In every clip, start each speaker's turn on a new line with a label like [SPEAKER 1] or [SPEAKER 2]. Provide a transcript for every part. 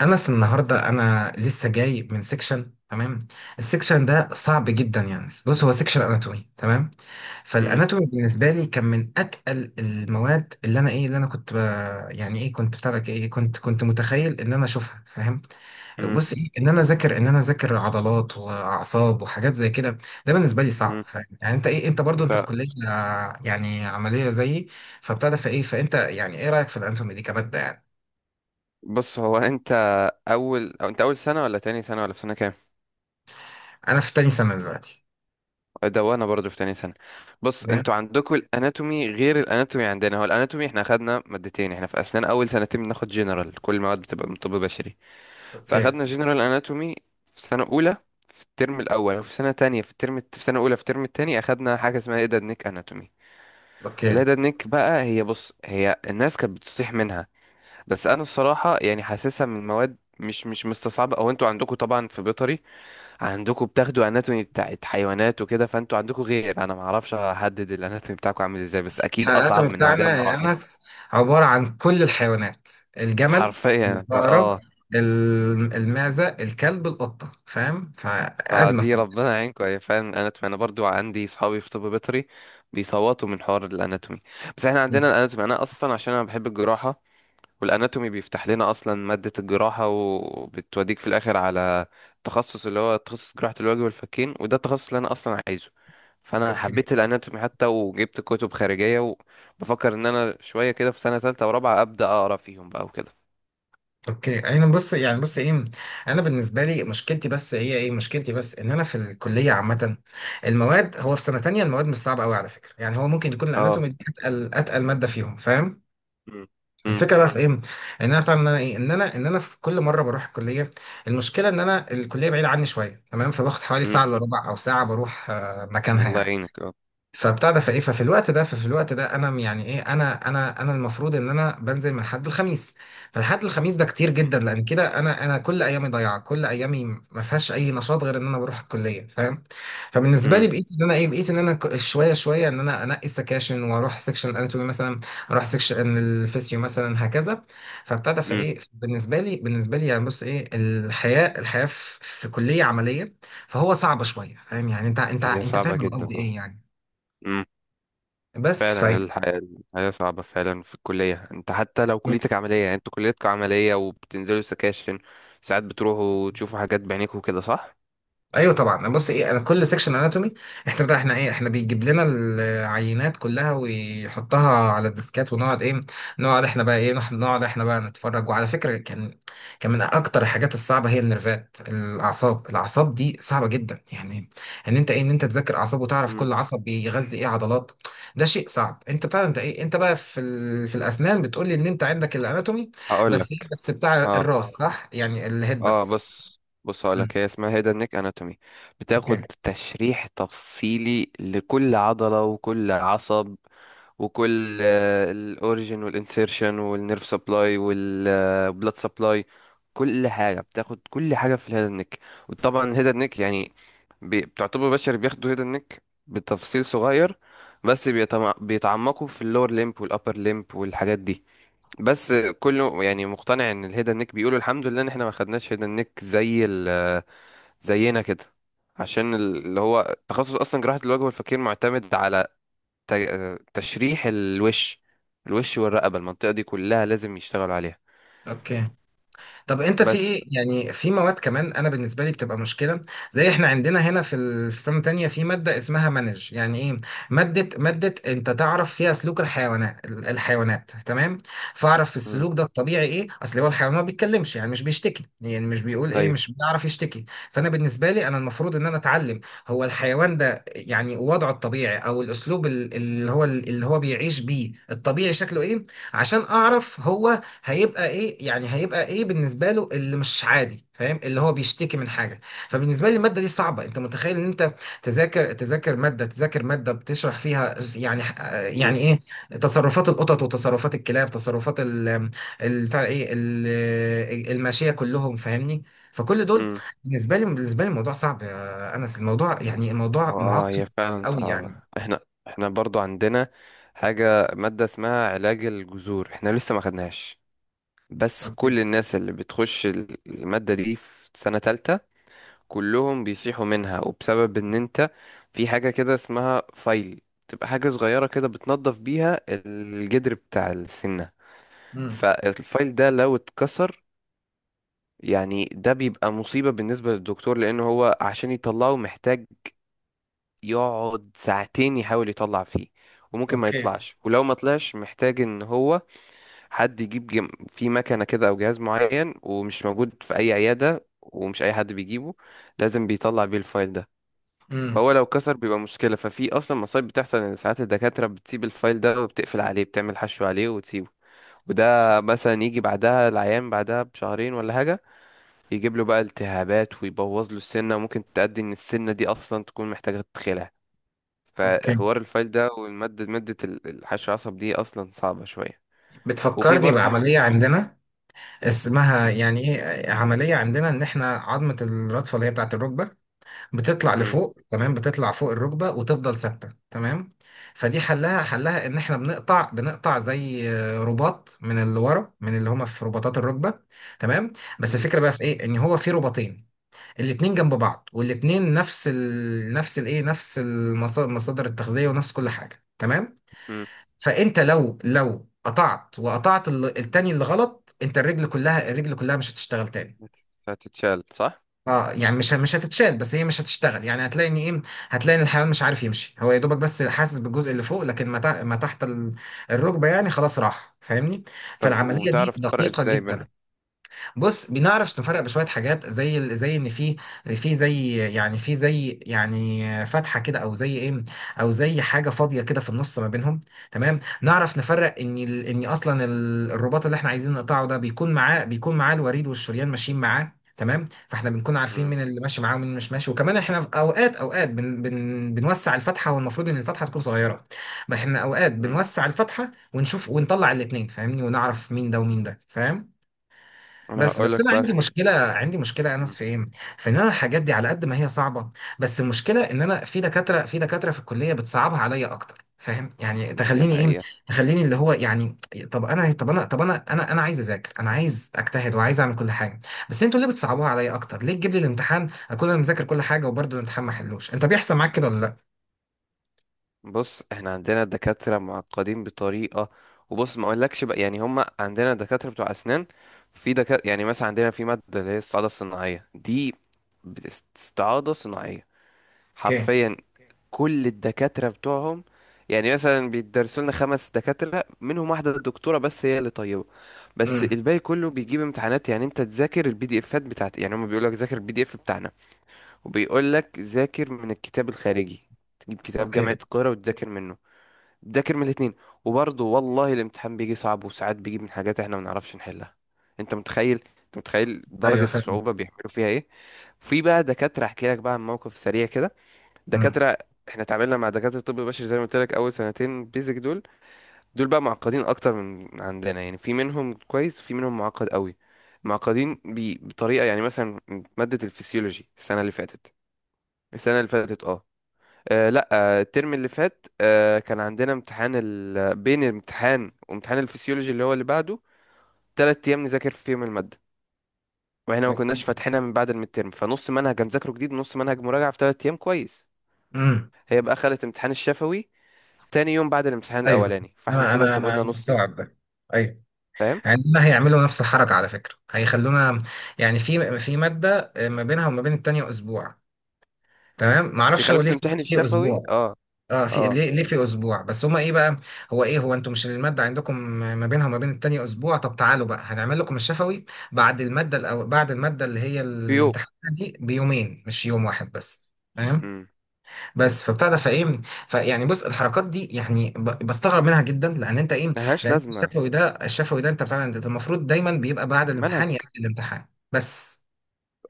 [SPEAKER 1] انس، النهارده انا لسه جاي من سيكشن. تمام، السيكشن ده صعب جدا، يعني بص، هو سيكشن اناتومي. تمام،
[SPEAKER 2] مم.
[SPEAKER 1] فالاناتومي بالنسبه لي كان من اتقل المواد، اللي انا كنت ب... يعني ايه، كنت بتاع لك ايه، كنت متخيل ان انا اشوفها فاهم؟
[SPEAKER 2] مم.
[SPEAKER 1] بص ايه، ان انا اذاكر عضلات واعصاب وحاجات زي كده. ده بالنسبه لي صعب
[SPEAKER 2] مم.
[SPEAKER 1] فاهم، يعني انت ايه، انت برضو في
[SPEAKER 2] انت.
[SPEAKER 1] كليه يعني عمليه زيي؟ فبتاع ده فايه، فانت يعني ايه رايك في الاناتومي دي كماده يعني؟
[SPEAKER 2] بص هو انت اول او انت اول سنه ولا تاني سنه ولا في سنه كام
[SPEAKER 1] انا في تاني سنه دلوقتي.
[SPEAKER 2] ده وانا برضو في تاني سنه. بص، انتوا عندكم الاناتومي غير الاناتومي عندنا. هو الاناتومي احنا اخدنا مادتين، احنا في اسنان اول سنتين بناخد جنرال، كل المواد بتبقى من طب بشري.
[SPEAKER 1] اوكي،
[SPEAKER 2] فاخدنا جنرال اناتومي في سنه اولى في الترم الاول، وفي سنه تانية في الترم في سنه اولى في الترم التاني اخدنا حاجه اسمها هيدد نيك اناتومي.
[SPEAKER 1] اوكي.
[SPEAKER 2] الهيدد نيك بقى هي الناس كانت بتصيح منها، بس انا الصراحه يعني حاسسها من مواد مش مستصعبه. او انتوا عندكم طبعا في بيطري، عندكم بتاخدوا اناتومي بتاعت حيوانات وكده، فانتوا عندكم غير. انا ما اعرفش احدد الاناتومي بتاعكم عامل ازاي، بس اكيد
[SPEAKER 1] الحلقات
[SPEAKER 2] اصعب من عندنا
[SPEAKER 1] بتاعنا يا
[SPEAKER 2] بمراحل.
[SPEAKER 1] انس عباره عن كل الحيوانات: الجمل،
[SPEAKER 2] حرفيا
[SPEAKER 1] العقرب،
[SPEAKER 2] فاه،
[SPEAKER 1] المعزه، الكلب، القطه فاهم؟ فازمه
[SPEAKER 2] فدي
[SPEAKER 1] صعبة.
[SPEAKER 2] ربنا يعينكم. هي فعلا الاناتومي انا برضو عندي صحابي في طب بيطري بيصوتوا من حوار الاناتومي. بس احنا عندنا
[SPEAKER 1] مم.
[SPEAKER 2] الاناتومي انا اصلا عشان انا بحب الجراحه، والاناتومي بيفتح لنا اصلا ماده الجراحه، وبتوديك في الاخر على التخصص اللي هو تخصص جراحه الوجه والفكين، وده التخصص اللي انا اصلا عايزه. فانا
[SPEAKER 1] اوكي،
[SPEAKER 2] حبيت الاناتومي حتى وجبت كتب خارجيه، وبفكر ان انا شويه كده في سنه ثالثه ورابعه ابدا اقرا فيهم بقى وكده.
[SPEAKER 1] اوكي. انا بص يعني، بص ايه، انا بالنسبه لي مشكلتي بس هي ايه، مشكلتي بس ان انا في الكليه عامه المواد، هو في سنه تانية المواد مش صعبه قوي على فكره، يعني هو ممكن يكون
[SPEAKER 2] اه.
[SPEAKER 1] الاناتومي دي اتقل ماده فيهم فاهم؟
[SPEAKER 2] مم. مم.
[SPEAKER 1] الفكره بقى في ايه، ان انا فاهم ان انا ايه ان انا في كل مره بروح الكليه، المشكله ان انا الكليه بعيده عني شويه. تمام، فباخد حوالي
[SPEAKER 2] مم.
[SPEAKER 1] ساعه الا ربع او ساعه بروح مكانها
[SPEAKER 2] الله
[SPEAKER 1] يعني.
[SPEAKER 2] يعينك اه.
[SPEAKER 1] فبتاع ده فايه، ففي الوقت ده انا م- يعني ايه، انا المفروض ان انا بنزل من حد الخميس. فالحد الخميس ده كتير
[SPEAKER 2] مم.
[SPEAKER 1] جدا، لان كده انا كل ايامي ضايعه، كل ايامي ما فيهاش اي نشاط غير ان انا بروح الكليه فاهم؟ فبالنسبه لي
[SPEAKER 2] مم.
[SPEAKER 1] بقيت ان انا ايه، بقيت ان انا ك- شويه شويه ان انا انقي السكاشن، واروح سكشن الاناتومي مثلا، اروح سكشن الفيسيو مثلا، هكذا. فبتاع ده
[SPEAKER 2] مم.
[SPEAKER 1] فايه، بالنسبه لي، بالنسبه لي يعني بص ايه، الحياه، الحياه في كليه عمليه فهو صعبه شويه فاهم؟ يعني انت انت
[SPEAKER 2] هي
[SPEAKER 1] انت
[SPEAKER 2] صعبه
[SPEAKER 1] فاهم انا
[SPEAKER 2] جدا،
[SPEAKER 1] قصدي
[SPEAKER 2] اه
[SPEAKER 1] ايه يعني؟ بس ف...
[SPEAKER 2] فعلا. الحياة، الحياة صعبة فعلا في الكلية. انت حتى لو كليتك عملية، يعني انتوا كليتكم عملية وبتنزلوا سكاشن، ساعات بتروحوا تشوفوا حاجات بعينيكوا كده صح؟
[SPEAKER 1] ايوه طبعا، بص ايه، انا كل سيكشن اناتومي، احنا بقى احنا ايه احنا بيجيب لنا العينات كلها ويحطها على الديسكات، ونقعد ايه، نقعد احنا بقى ايه، نح- نقعد احنا بقى نتفرج. وعلى فكره، كان من اكتر الحاجات الصعبه هي النرفات، الاعصاب، دي صعبه جدا، يعني ان انت ايه، ان انت تذاكر اعصاب وتعرف
[SPEAKER 2] مم.
[SPEAKER 1] كل عصب بيغذي ايه عضلات. ده شيء صعب. انت بتاع انت ايه، انت بقى في ال... في الاسنان بتقول لي ان انت عندك الاناتومي
[SPEAKER 2] هقول لك.
[SPEAKER 1] بس، ايه بس بتاع
[SPEAKER 2] اه
[SPEAKER 1] الراس، صح؟ يعني الهيد
[SPEAKER 2] اه،
[SPEAKER 1] بس.
[SPEAKER 2] بص هقول لك،
[SPEAKER 1] إمم.
[SPEAKER 2] هي اسمها هيدا نيك اناتومي.
[SPEAKER 1] اوكي،
[SPEAKER 2] بتاخد تشريح تفصيلي لكل عضلة وكل عصب، وكل الاوريجن والانسيرشن والنيرف سبلاي والبلاد سبلاي، كل حاجه بتاخد، كل حاجه في الهيد نيك. وطبعا هيد نيك يعني بتعتبر بشر بياخدوا هيد نيك بتفصيل صغير، بس بيتعمقوا في اللور ليمب والابر ليمب والحاجات دي، بس كله يعني مقتنع ان الهيد نيك، بيقولوا الحمد لله ان احنا ما خدناش هيد نيك زينا كده. عشان اللي هو تخصص اصلا جراحة الوجه والفكين معتمد على تشريح الوش، الوش والرقبة، المنطقة دي كلها لازم يشتغلوا عليها.
[SPEAKER 1] اوكي. طب انت في
[SPEAKER 2] بس.
[SPEAKER 1] ايه، يعني في مواد كمان انا بالنسبه لي بتبقى مشكله، زي احنا عندنا هنا في ال- في سنه تانية في ماده اسمها مانج، يعني ايه، ماده انت تعرف فيها سلوك الحيوانات، الحيوانات. تمام، فاعرف في
[SPEAKER 2] مم.
[SPEAKER 1] السلوك ده الطبيعي ايه، اصل هو الحيوان ما بيتكلمش، يعني مش بيشتكي، يعني مش بيقول ايه،
[SPEAKER 2] ايوه.
[SPEAKER 1] مش بيعرف يشتكي. فانا بالنسبه لي انا المفروض ان انا اتعلم هو الحيوان ده يعني وضعه الطبيعي، او الاسلوب ال- اللي هو بيعيش بيه الطبيعي شكله ايه، عشان اعرف هو هيبقى ايه، يعني هيبقى ايه بالنسبه له اللي مش عادي فاهم، اللي هو بيشتكي من حاجه. فبالنسبه لي الماده دي صعبه، انت متخيل ان انت تذاكر تذاكر ماده تذاكر ماده بتشرح فيها يعني،
[SPEAKER 2] مم.
[SPEAKER 1] يعني ايه، تصرفات القطط، وتصرفات الكلاب، تصرفات ال، ال- بتاع ايه، الماشيه، كلهم فاهمني. فكل دول
[SPEAKER 2] مم.
[SPEAKER 1] بالنسبه لي، الموضوع صعب يا انس، الموضوع يعني، الموضوع
[SPEAKER 2] اه
[SPEAKER 1] معقد
[SPEAKER 2] هي فعلا
[SPEAKER 1] قوي
[SPEAKER 2] صعبة.
[SPEAKER 1] يعني.
[SPEAKER 2] احنا احنا برضو عندنا حاجة، مادة اسمها علاج الجذور، احنا لسه ما خدناش، بس
[SPEAKER 1] اوكي،
[SPEAKER 2] كل الناس اللي بتخش المادة دي في سنة تالتة كلهم بيصيحوا منها. وبسبب ان انت في حاجة كده اسمها فايل، تبقى حاجة صغيرة كده بتنظف بيها الجدر بتاع السنة.
[SPEAKER 1] امم،
[SPEAKER 2] فالفايل ده لو اتكسر، يعني ده بيبقى مصيبة بالنسبة للدكتور، لأنه هو عشان يطلعه محتاج يقعد ساعتين يحاول يطلع فيه، وممكن ما
[SPEAKER 1] اوكي،
[SPEAKER 2] يطلعش، ولو ما طلعش محتاج ان هو حد يجيب جم... في مكنة كده او جهاز معين، ومش موجود في اي عيادة، ومش اي حد بيجيبه، لازم بيطلع بيه الفايل ده.
[SPEAKER 1] امم،
[SPEAKER 2] فهو لو كسر بيبقى مشكلة. ففي اصلا مصايب بتحصل ان ساعات الدكاترة بتسيب الفايل ده وبتقفل عليه، بتعمل حشو عليه وتسيبه، وده مثلا يجي بعدها العيان بعدها بشهرين ولا حاجة، يجيب له بقى التهابات ويبوظ له السنة، وممكن تؤدي ان السنة دي اصلا تكون محتاجة تدخلها.
[SPEAKER 1] اوكي.
[SPEAKER 2] فحوار الفايل ده والمادة، مادة الحشو العصب دي اصلا صعبة شوية. وفي
[SPEAKER 1] بتفكرني
[SPEAKER 2] برضه مك...
[SPEAKER 1] بعمليه عندنا اسمها
[SPEAKER 2] م-
[SPEAKER 1] يعني ايه، عمليه عندنا ان احنا عظمه الرادفه اللي هي بتاعه الركبه بتطلع
[SPEAKER 2] م-
[SPEAKER 1] لفوق، تمام، بتطلع فوق الركبه وتفضل ثابته. تمام، فدي حلها، حلها ان احنا بنقطع زي رباط، من اللي ورا، من اللي هما في رباطات الركبه. تمام، بس
[SPEAKER 2] م-
[SPEAKER 1] الفكره بقى في ايه، ان هو في رباطين، الاتنين جنب بعض، والاتنين نفس ال... نفس الايه، نفس المصادر، المصادر التغذيه ونفس كل حاجه. تمام،
[SPEAKER 2] م-
[SPEAKER 1] فانت لو قطعت وقطعت ال- التاني اللي غلط، انت الرجل كلها، مش هتشتغل تاني.
[SPEAKER 2] هتتشال صح؟
[SPEAKER 1] اه يعني مش هتتشال، بس هي مش هتشتغل، يعني هتلاقي ان ايه، هتلاقي ان الحيوان مش عارف يمشي، هو يا دوبك بس حاسس بالجزء اللي فوق، لكن ما تح- ما تحت ال- الركبه يعني خلاص راح فاهمني.
[SPEAKER 2] طب
[SPEAKER 1] فالعمليه دي
[SPEAKER 2] وبتعرف تفرق
[SPEAKER 1] دقيقه
[SPEAKER 2] ازاي
[SPEAKER 1] جدا.
[SPEAKER 2] بينهم؟
[SPEAKER 1] بص، بنعرف نفرق بشويه حاجات، زي ال- زي ان في، في زي يعني، فتحه كده، او زي ايه، او زي حاجه فاضيه كده في النص ما بينهم. تمام، نعرف نفرق ان ال- ان اصلا ال- الرباط اللي احنا عايزين نقطعه ده بيكون معاه، بيكون معاه الوريد والشريان ماشيين معاه. تمام، فاحنا بنكون عارفين
[SPEAKER 2] م-
[SPEAKER 1] مين اللي ماشي معاه ومين اللي مش ماشي. وكمان احنا في اوقات، اوقات بن بن بنوسع الفتحه، والمفروض ان الفتحه تكون صغيره. ما احنا اوقات
[SPEAKER 2] م.
[SPEAKER 1] بنوسع الفتحه ونشوف ونطلع الاثنين فاهمني، ونعرف مين ده ومين ده فاهم.
[SPEAKER 2] انا
[SPEAKER 1] بس انا
[SPEAKER 2] هقولك بقى،
[SPEAKER 1] عندي
[SPEAKER 2] في
[SPEAKER 1] مشكله، يا
[SPEAKER 2] م-
[SPEAKER 1] انس في ايه، في ان انا الحاجات دي على قد ما هي صعبه، بس المشكله ان انا في دكاتره، في الكليه بتصعبها عليا اكتر فاهم، يعني
[SPEAKER 2] دي
[SPEAKER 1] تخليني ايه،
[SPEAKER 2] حقيقة.
[SPEAKER 1] تخليني اللي هو يعني، طب انا عايز اذاكر، انا عايز اجتهد، وعايز اعمل كل حاجه، بس انتوا ليه بتصعبوها عليا اكتر؟ ليه تجيب لي الامتحان اكون انا مذاكر كل حاجه، وبرضه الامتحان ما حلوش؟ انت بيحصل معاك كده ولا لا؟
[SPEAKER 2] بص احنا عندنا دكاترة معقدين بطريقة، وبص ما اقولكش بقى، يعني هم عندنا دكاترة بتوع اسنان. في دكاترة يعني مثلا عندنا في مادة اللي هي الاستعاضة الصناعية دي، بت- استعاضة صناعية
[SPEAKER 1] اوكي،
[SPEAKER 2] حرفيا، كل الدكاترة بتوعهم، يعني مثلا بيدرسوا لنا خمس دكاترة، منهم واحدة الدكتورة بس هي اللي طيبة، بس
[SPEAKER 1] امم،
[SPEAKER 2] الباقي كله بيجيب امتحانات. يعني انت تذاكر البي دي افات بتاعت، يعني هم بيقول لك ذاكر البي دي اف بتاعنا، وبيقول لك ذاكر من الكتاب الخارجي، تجيب كتاب
[SPEAKER 1] اوكي،
[SPEAKER 2] جامعة القاهرة وتذاكر منه، ذاكر من الاتنين، وبرضه والله الامتحان بيجي صعب، وساعات بيجي من حاجات احنا ما نعرفش نحلها. انت متخيل
[SPEAKER 1] ايوه
[SPEAKER 2] درجة
[SPEAKER 1] فاهم،
[SPEAKER 2] الصعوبة بيعملوا فيها ايه. في بقى دكاترة احكي لك بقى عن موقف سريع كده.
[SPEAKER 1] امم،
[SPEAKER 2] دكاترة، احنا اتعاملنا مع دكاترة الطب البشري، زي ما قلت لك اول سنتين بيزك دول. دول بقى معقدين اكتر من عندنا، يعني في منهم كويس، في منهم معقد قوي. معقدين بطريقة، يعني مثلا مادة الفسيولوجي السنة اللي فاتت، السنة اللي فاتت اه لا، الترم اللي فات كان عندنا امتحان ال... بين الامتحان وامتحان الفسيولوجي اللي هو اللي بعده تلات ايام نذاكر فيهم الماده، واحنا ما كناش فاتحينها من بعد الميدترم، فنص منهج هنذاكره جديد ونص منهج مراجعه في تلات ايام، كويس.
[SPEAKER 1] امم،
[SPEAKER 2] هي بقى خلت امتحان الشفوي تاني يوم بعد الامتحان
[SPEAKER 1] ايوه
[SPEAKER 2] الاولاني، فاحنا
[SPEAKER 1] انا
[SPEAKER 2] كده
[SPEAKER 1] انا
[SPEAKER 2] سابوا
[SPEAKER 1] انا
[SPEAKER 2] لنا نص يوم،
[SPEAKER 1] مستوعب ده، ايوه
[SPEAKER 2] فاهم؟
[SPEAKER 1] عندنا هيعملوا نفس الحركة على فكرة، هيخلونا يعني في مادة ما بينها وما بين التانية أسبوع. تمام، معرفش هو
[SPEAKER 2] يخليك
[SPEAKER 1] ليه في
[SPEAKER 2] تمتحن الشفوي
[SPEAKER 1] أسبوع،
[SPEAKER 2] اه.
[SPEAKER 1] اه في
[SPEAKER 2] اه
[SPEAKER 1] ليه، في أسبوع بس، هما إيه بقى، هو إيه، هو أنتوا مش المادة عندكم ما بينها وما بين التانية أسبوع؟ طب تعالوا بقى هنعمل لكم الشفوي بعد المادة الأو، بعد المادة اللي هي
[SPEAKER 2] بيوم.
[SPEAKER 1] الامتحان دي بيومين، مش يوم واحد بس؟
[SPEAKER 2] امم.
[SPEAKER 1] بس فبتاع ده فايه، فيعني بص الحركات دي يعني ب- بستغرب منها جدا لان انت ايه،
[SPEAKER 2] ملهاش
[SPEAKER 1] لان أنت
[SPEAKER 2] لازمه.
[SPEAKER 1] الشفوي ده، انت بتاع انت المفروض دايما بيبقى بعد
[SPEAKER 2] منهج.
[SPEAKER 1] الامتحان يقبل الامتحان بس،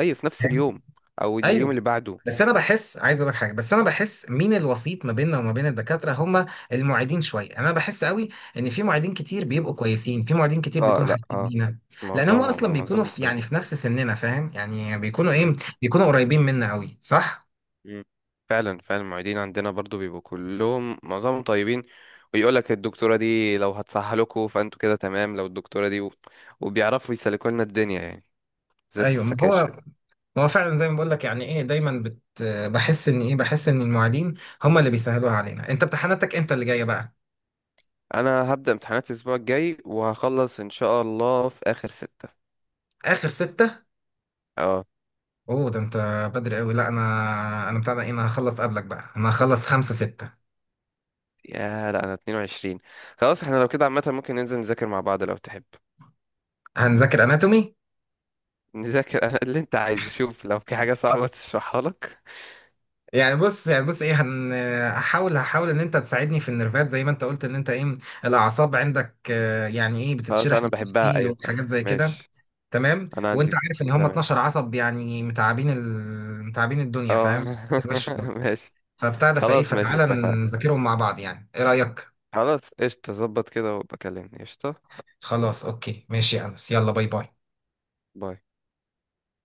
[SPEAKER 2] اي في نفس
[SPEAKER 1] فاهم؟
[SPEAKER 2] اليوم او اليوم اللي
[SPEAKER 1] ايوه
[SPEAKER 2] بعده.
[SPEAKER 1] بس انا بحس، عايز اقول لك حاجه، بس انا بحس مين الوسيط ما بيننا وما بين الدكاتره، هم المعيدين شويه. انا بحس قوي ان في معيدين كتير بيبقوا كويسين، في معيدين كتير
[SPEAKER 2] اه.
[SPEAKER 1] بيكونوا
[SPEAKER 2] لا
[SPEAKER 1] حاسين
[SPEAKER 2] اه،
[SPEAKER 1] بينا، لان هم اصلا
[SPEAKER 2] معظمهم
[SPEAKER 1] بيكونوا
[SPEAKER 2] معظمهم
[SPEAKER 1] في، يعني
[SPEAKER 2] طيبين.
[SPEAKER 1] في نفس سننا فاهم، يعني بيكونوا ايه، بيكونوا قريبين منا قوي صح.
[SPEAKER 2] مم. فعلا فعلا، المعيدين عندنا برضو بيبقوا كلهم معظمهم طيبين، ويقول لك الدكتورة دي لو هتسهلكوا فانتوا كده تمام، لو الدكتورة دي و... وبيعرفوا يسلكوا لنا الدنيا يعني، بالذات في
[SPEAKER 1] ايوه، ما
[SPEAKER 2] السكاشن.
[SPEAKER 1] هو هو فعلا زي ما بقول لك، يعني ايه، دايما بت... بحس ان ايه، بحس ان المعيدين هم اللي بيسهلوها علينا. انت امتحاناتك امتى اللي جايه بقى؟
[SPEAKER 2] انا هبدأ امتحانات الاسبوع الجاي، وهخلص ان شاء الله في اخر ستة.
[SPEAKER 1] اخر ستة؟
[SPEAKER 2] اه.
[SPEAKER 1] اوه، ده انت بدري قوي. لا، انا انا
[SPEAKER 2] مم.
[SPEAKER 1] بتاع ده ايه، انا هخلص قبلك بقى، انا هخلص خمسة ستة.
[SPEAKER 2] يا لا انا 22. خلاص احنا لو كده عامة ممكن ننزل نذاكر مع بعض لو تحب.
[SPEAKER 1] هنذاكر اناتومي،
[SPEAKER 2] نذاكر أنا اللي انت عايزه، شوف لو في حاجة صعبة تشرحها لك.
[SPEAKER 1] يعني بص، يعني بص ايه، هن... هحاول ان انت تساعدني في النرفات زي ما انت قلت ان انت ايه، الاعصاب عندك يعني ايه
[SPEAKER 2] خلاص
[SPEAKER 1] بتتشرح
[SPEAKER 2] انا بحبها،
[SPEAKER 1] بالتفصيل
[SPEAKER 2] ايوه فعلا،
[SPEAKER 1] وحاجات زي كده.
[SPEAKER 2] ماشي.
[SPEAKER 1] تمام،
[SPEAKER 2] انا عندي،
[SPEAKER 1] وانت عارف ان هم
[SPEAKER 2] تمام.
[SPEAKER 1] 12 عصب يعني متعبين ال... متعبين الدنيا
[SPEAKER 2] اه
[SPEAKER 1] فاهم.
[SPEAKER 2] ماشي.
[SPEAKER 1] فبتاع ده فايه،
[SPEAKER 2] خلاص ماشي،
[SPEAKER 1] فتعالى
[SPEAKER 2] اتفقنا.
[SPEAKER 1] نذاكرهم مع بعض، يعني ايه رأيك؟
[SPEAKER 2] خلاص قشطة، ظبط كده وبكلمني، قشطة.
[SPEAKER 1] خلاص اوكي، ماشي يا انس، يلا باي، باي.
[SPEAKER 2] باي.